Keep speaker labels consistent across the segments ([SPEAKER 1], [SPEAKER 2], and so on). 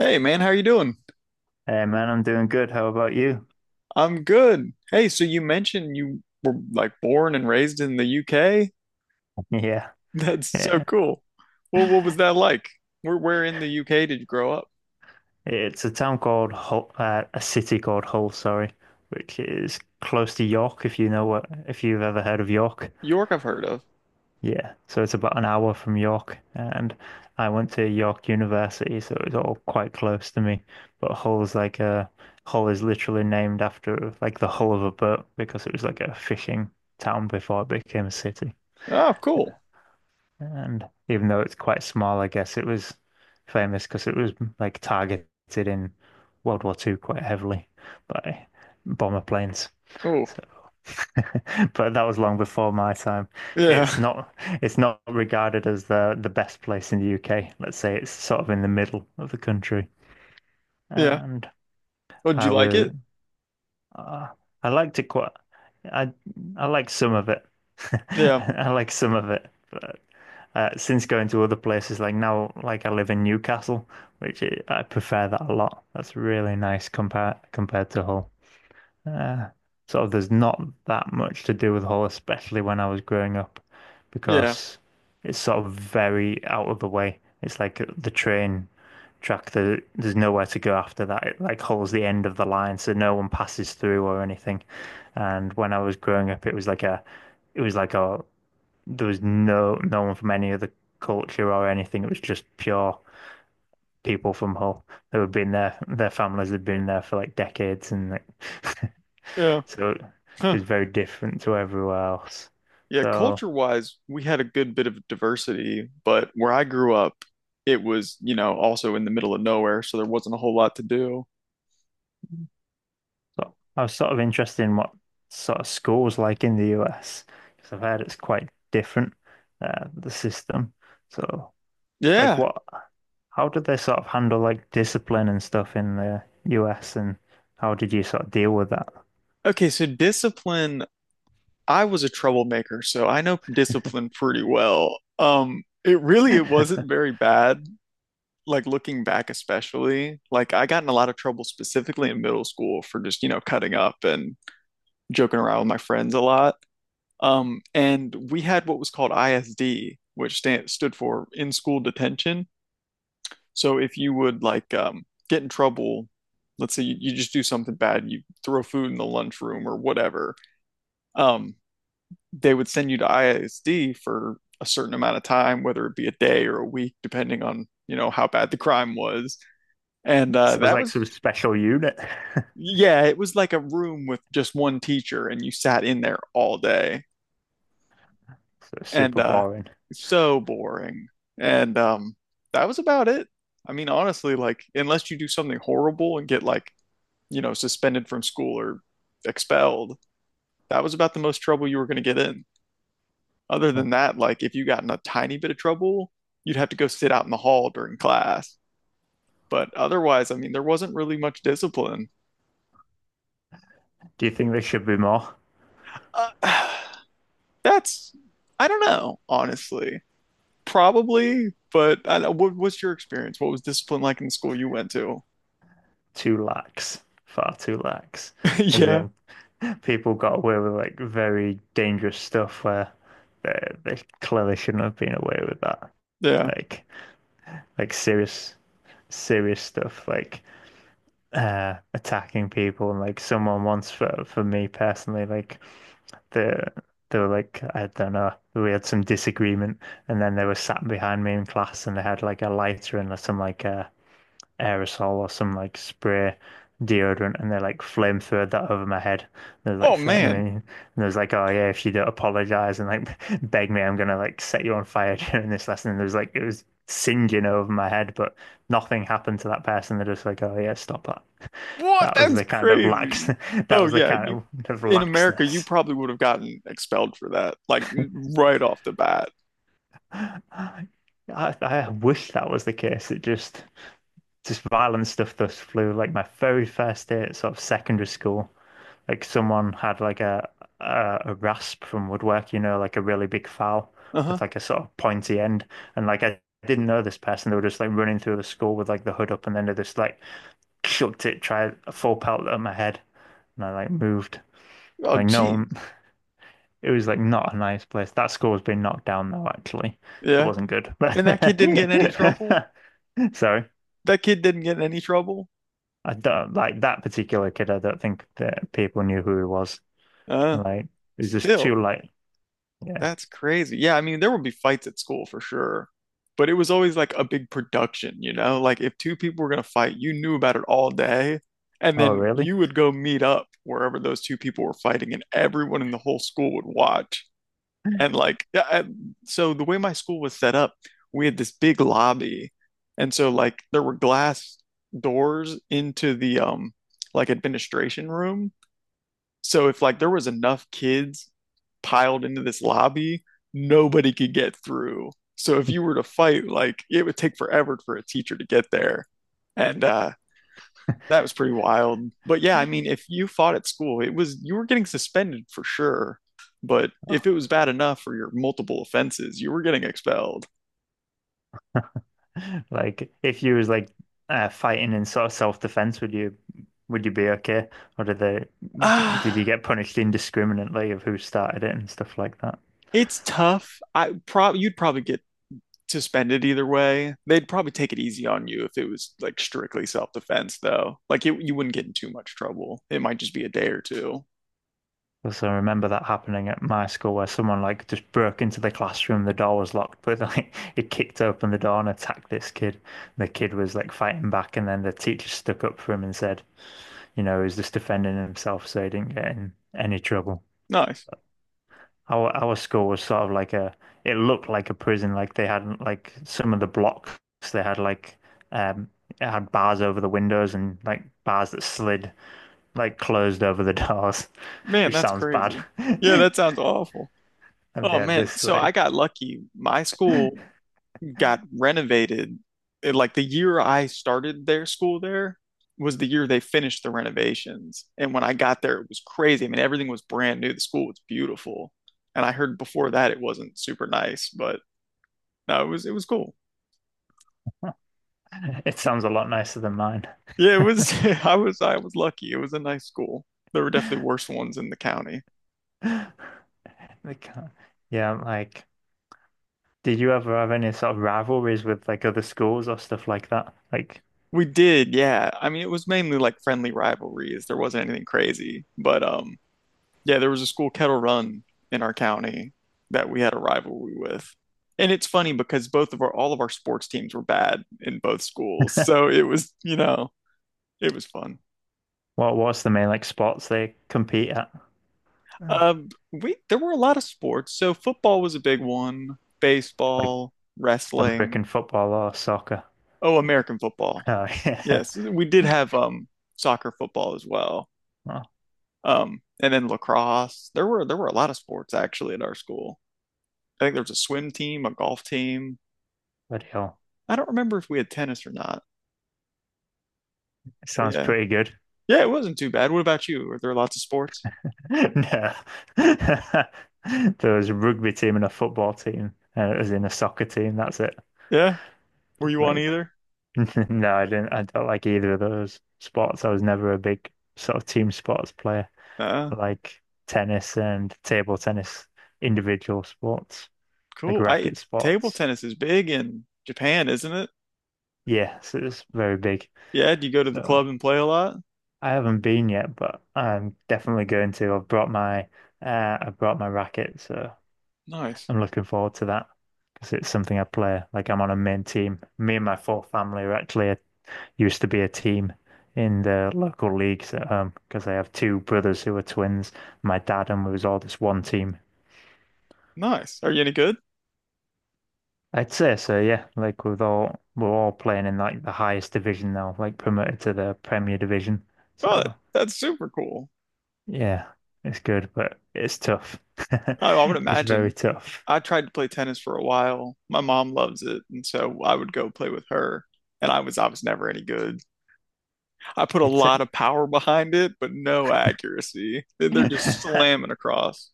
[SPEAKER 1] Hey man, how you doing?
[SPEAKER 2] Hey man, I'm doing good. How about you?
[SPEAKER 1] I'm good. Hey, so you mentioned you were like born and raised in the UK?
[SPEAKER 2] Yeah,
[SPEAKER 1] That's so
[SPEAKER 2] yeah.
[SPEAKER 1] cool. Well, what was that like? Where in the UK did you grow up?
[SPEAKER 2] It's a town called Hull, a city called Hull, sorry, which is close to York, if you've ever heard of York.
[SPEAKER 1] York, I've heard of.
[SPEAKER 2] Yeah, so it's about an hour from York, and I went to York University, so it's all quite close to me. But Hull's like a Hull is literally named after like the hull of a boat because it was like a fishing town before it became a city.
[SPEAKER 1] Oh, cool.
[SPEAKER 2] And even though it's quite small, I guess it was famous because it was like targeted in World War Two quite heavily by bomber planes.
[SPEAKER 1] Oh,
[SPEAKER 2] So, but that was long before my time. It's
[SPEAKER 1] yeah,
[SPEAKER 2] not it's not regarded as the best place in the UK. Let's say it's sort of in the middle of the country.
[SPEAKER 1] yeah.
[SPEAKER 2] And
[SPEAKER 1] Oh, did you
[SPEAKER 2] I
[SPEAKER 1] like it?
[SPEAKER 2] would uh, I liked it quite I I like some of it.
[SPEAKER 1] Yeah,
[SPEAKER 2] I like some of it, but since going to other places, like now, like I live in Newcastle, which I prefer that a lot. That's really nice compared to Hull. Uh, sort of, there's not that much to do with Hull, especially when I was growing up,
[SPEAKER 1] yeah,
[SPEAKER 2] because it's sort of very out of the way. It's like the train track. There's nowhere to go after that. It like holds the end of the line, so no one passes through or anything. And when I was growing up, it was like a there was no one from any other culture or anything. It was just pure people from Hull who had been there. Their families had been there for like decades, and like,
[SPEAKER 1] yeah.
[SPEAKER 2] so it
[SPEAKER 1] Huh.
[SPEAKER 2] was very different to everywhere else.
[SPEAKER 1] Yeah,
[SPEAKER 2] So,
[SPEAKER 1] culture-wise, we had a good bit of diversity, but where I grew up, it was, you know, also in the middle of nowhere, so there wasn't a whole lot to do.
[SPEAKER 2] so I was sort of interested in what sort of schools like in the US, because I've heard it's quite different, the system. So, like,
[SPEAKER 1] Yeah.
[SPEAKER 2] what? How did they sort of handle like discipline and stuff in the US, and how did you sort of deal with that?
[SPEAKER 1] Okay, so discipline I was a troublemaker, so I know discipline pretty well. It really it wasn't very bad, like looking back especially. Like I got in a lot of trouble specifically in middle school for just, you know, cutting up and joking around with my friends a lot. And we had what was called ISD, which stood for in school detention. So if you would like get in trouble, let's say you just do something bad, you throw food in the lunchroom or whatever. Um, they would send you to ISD for a certain amount of time, whether it be a day or a week, depending on, you know, how bad the crime was. And
[SPEAKER 2] Sounds like some special unit.
[SPEAKER 1] yeah, it was like a room with just one teacher and you sat in there all day.
[SPEAKER 2] So it's
[SPEAKER 1] And
[SPEAKER 2] super boring.
[SPEAKER 1] so boring. And that was about it. I mean, honestly, like, unless you do something horrible and get like, you know, suspended from school or expelled, that was about the most trouble you were going to get in. Other
[SPEAKER 2] Do
[SPEAKER 1] than that, like if you got in a tiny bit of trouble, you'd have to go sit out in the hall during class. But otherwise, I mean, there wasn't really much discipline.
[SPEAKER 2] you think there should be more?
[SPEAKER 1] Uh, that's, I don't know, honestly. Probably, but what's your experience? What was discipline like in the school you went to?
[SPEAKER 2] Too lax. Far too lax. As
[SPEAKER 1] Yeah,
[SPEAKER 2] in, people got away with like very dangerous stuff where they, they clearly shouldn't have been away with that.
[SPEAKER 1] yeah.
[SPEAKER 2] Like like serious stuff like attacking people and like someone once for me personally like they they were like I don't know we had some disagreement and then they were sat behind me in class and they had like a lighter and some like aerosol or some like spray deodorant and they like flamethrowed that over my head they were like
[SPEAKER 1] Oh man,
[SPEAKER 2] threatening me and they was like oh yeah if you don't apologize and like beg me I'm gonna like set you on fire during this lesson and there was like it was singeing over my head but nothing happened to that person they're just like oh yeah stop that.
[SPEAKER 1] what?
[SPEAKER 2] That was
[SPEAKER 1] That's
[SPEAKER 2] the kind of lax
[SPEAKER 1] crazy.
[SPEAKER 2] that
[SPEAKER 1] Oh
[SPEAKER 2] was the
[SPEAKER 1] yeah,
[SPEAKER 2] kind
[SPEAKER 1] you
[SPEAKER 2] of
[SPEAKER 1] in America, you
[SPEAKER 2] laxness.
[SPEAKER 1] probably would have gotten expelled for that, like right off the bat.
[SPEAKER 2] I, I wish that was the case. It just violent stuff thus flew. Like my very first day at sort of secondary school, like someone had like a rasp from woodwork, you know, like a really big file
[SPEAKER 1] Uh-huh.
[SPEAKER 2] with like a sort of pointy end. And like I didn't know this person. They were just like running through the school with like the hood up, and then they just like chucked it, tried a full pelt at my head, and I like moved.
[SPEAKER 1] Oh,
[SPEAKER 2] Like
[SPEAKER 1] geez.
[SPEAKER 2] no, it was like not a nice place. That score was being knocked down though, actually. It
[SPEAKER 1] Yeah.
[SPEAKER 2] wasn't good.
[SPEAKER 1] And that kid didn't get in any trouble?
[SPEAKER 2] But so
[SPEAKER 1] That kid didn't get in any trouble?
[SPEAKER 2] I don't like that particular kid. I don't think that people knew who he was.
[SPEAKER 1] Uh,
[SPEAKER 2] Like it was just too
[SPEAKER 1] Still,
[SPEAKER 2] like, yeah.
[SPEAKER 1] that's crazy. Yeah, I mean, there would be fights at school for sure. But it was always like a big production, you know? Like if two people were gonna fight, you knew about it all day, and
[SPEAKER 2] Oh,
[SPEAKER 1] then you
[SPEAKER 2] really?
[SPEAKER 1] would go meet up wherever those two people were fighting, and everyone in the whole school would watch. And like, so the way my school was set up, we had this big lobby. And so like there were glass doors into the like administration room. So if like there was enough kids piled into this lobby, nobody could get through. So if you were to fight, like it would take forever for a teacher to get there. And that was pretty wild. But yeah, I mean, if you fought at school, it was you were getting suspended for sure. But if
[SPEAKER 2] Oh.
[SPEAKER 1] it was bad enough for your multiple offenses, you were getting expelled.
[SPEAKER 2] Like if you was like fighting in sort of self-defense, would you be okay? Or did they did you
[SPEAKER 1] Ah,
[SPEAKER 2] get punished indiscriminately of who started it and stuff like that?
[SPEAKER 1] it's tough. I prob You'd probably get suspended either way. They'd probably take it easy on you if it was like strictly self-defense though. You wouldn't get in too much trouble. It might just be a day or two.
[SPEAKER 2] Because I remember that happening at my school where someone like just broke into the classroom, the door was locked, but like it kicked open the door and attacked this kid. The kid was like fighting back, and then the teacher stuck up for him and said, you know, he was just defending himself so he didn't get in any trouble.
[SPEAKER 1] Nice.
[SPEAKER 2] Our school was sort of like a, it looked like a prison. Like they had like some of the blocks, they had like um it had bars over the windows and like bars that slid like closed over the doors,
[SPEAKER 1] Man,
[SPEAKER 2] which
[SPEAKER 1] that's
[SPEAKER 2] sounds bad.
[SPEAKER 1] crazy. Yeah, that sounds awful.
[SPEAKER 2] Have they
[SPEAKER 1] Oh
[SPEAKER 2] had
[SPEAKER 1] man,
[SPEAKER 2] this
[SPEAKER 1] so I
[SPEAKER 2] like
[SPEAKER 1] got lucky. My school got renovated. Like the year I started their school there was the year they finished the renovations. And when I got there, it was crazy. I mean, everything was brand new. The school was beautiful. And I heard before that it wasn't super nice, but no, it was cool.
[SPEAKER 2] it sounds a lot nicer than mine.
[SPEAKER 1] Yeah, it was I was lucky. It was a nice school. There were definitely worse ones in the county.
[SPEAKER 2] They can't. Yeah, like did you ever have any sort of rivalries with like other schools or stuff like that? Like
[SPEAKER 1] We did, yeah. I mean, it was mainly like friendly rivalries. There wasn't anything crazy, but yeah, there was a school kettle run in our county that we had a rivalry with. And it's funny because both of our all of our sports teams were bad in both schools. So it was, you know, it was fun.
[SPEAKER 2] what what's the main like sports they compete at?
[SPEAKER 1] We there were a lot of sports. So football was a big one,
[SPEAKER 2] Like
[SPEAKER 1] baseball, wrestling.
[SPEAKER 2] American football or soccer?
[SPEAKER 1] Oh, American football.
[SPEAKER 2] Oh yeah.
[SPEAKER 1] Yes, we did have soccer football as well.
[SPEAKER 2] Oh,
[SPEAKER 1] And then lacrosse. There were a lot of sports actually at our school. I think there was a swim team, a golf team.
[SPEAKER 2] bloody hell.
[SPEAKER 1] I don't remember if we had tennis or not.
[SPEAKER 2] It
[SPEAKER 1] But
[SPEAKER 2] sounds
[SPEAKER 1] yeah.
[SPEAKER 2] pretty good.
[SPEAKER 1] Yeah, it wasn't too bad. What about you? Were there lots of sports?
[SPEAKER 2] No. There was a rugby team and a football team, and it was in a soccer team, that's it.
[SPEAKER 1] Yeah. Were you on
[SPEAKER 2] Like
[SPEAKER 1] either?
[SPEAKER 2] no, I didn't. I don't like either of those sports. I was never a big sort of team sports player,
[SPEAKER 1] Uh,
[SPEAKER 2] like tennis and table tennis, individual sports, like
[SPEAKER 1] cool. I
[SPEAKER 2] racket
[SPEAKER 1] Table
[SPEAKER 2] sports.
[SPEAKER 1] tennis is big in Japan, isn't it?
[SPEAKER 2] Yeah, so it's very big.
[SPEAKER 1] Yeah, do you go to the
[SPEAKER 2] So
[SPEAKER 1] club and play a lot?
[SPEAKER 2] I haven't been yet, but I'm definitely going to. I've brought my I brought my racket, so
[SPEAKER 1] Nice.
[SPEAKER 2] I'm looking forward to that because it's something I play. Like I'm on a main team. Me and my full family are actually a used to be a team in the local leagues because I have two brothers who are twins. My dad and we was all this one team.
[SPEAKER 1] Nice. Are you any good?
[SPEAKER 2] I'd say so, yeah. Like we're all playing in like the highest division now, like promoted to the Premier Division.
[SPEAKER 1] Oh,
[SPEAKER 2] So
[SPEAKER 1] that's super cool.
[SPEAKER 2] yeah, it's good, but it's tough.
[SPEAKER 1] I would
[SPEAKER 2] It's very
[SPEAKER 1] imagine.
[SPEAKER 2] tough.
[SPEAKER 1] I tried to play tennis for a while. My mom loves it, and so I would go play with her. And I was never any good. I put a
[SPEAKER 2] It's
[SPEAKER 1] lot
[SPEAKER 2] a...
[SPEAKER 1] of power behind it, but no accuracy. They're just slamming across.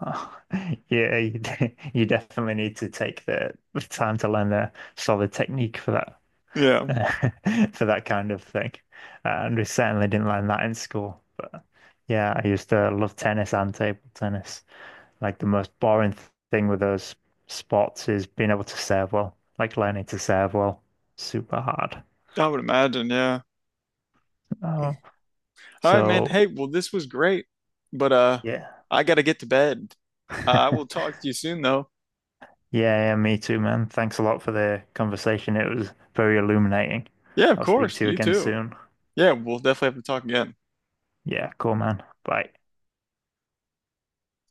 [SPEAKER 2] Oh, yeah, you definitely need to take the time to learn a solid technique for that.
[SPEAKER 1] Yeah,
[SPEAKER 2] For that kind of thing. And we certainly didn't learn that in school. But yeah, I used to love tennis and table tennis. Like the most boring thing with those sports is being able to serve well, like learning to serve well. Super hard.
[SPEAKER 1] I would imagine. Yeah.
[SPEAKER 2] Oh,
[SPEAKER 1] All right, man.
[SPEAKER 2] so
[SPEAKER 1] Hey, well, this was great, but
[SPEAKER 2] yeah.
[SPEAKER 1] I gotta get to bed. I will talk to you soon, though.
[SPEAKER 2] Yeah, yeah, me too, man. Thanks a lot for the conversation. It was very illuminating.
[SPEAKER 1] Yeah, of
[SPEAKER 2] I'll speak
[SPEAKER 1] course.
[SPEAKER 2] to you
[SPEAKER 1] You
[SPEAKER 2] again
[SPEAKER 1] too.
[SPEAKER 2] soon.
[SPEAKER 1] Yeah, we'll definitely have to talk again.
[SPEAKER 2] Yeah, cool, man. Bye.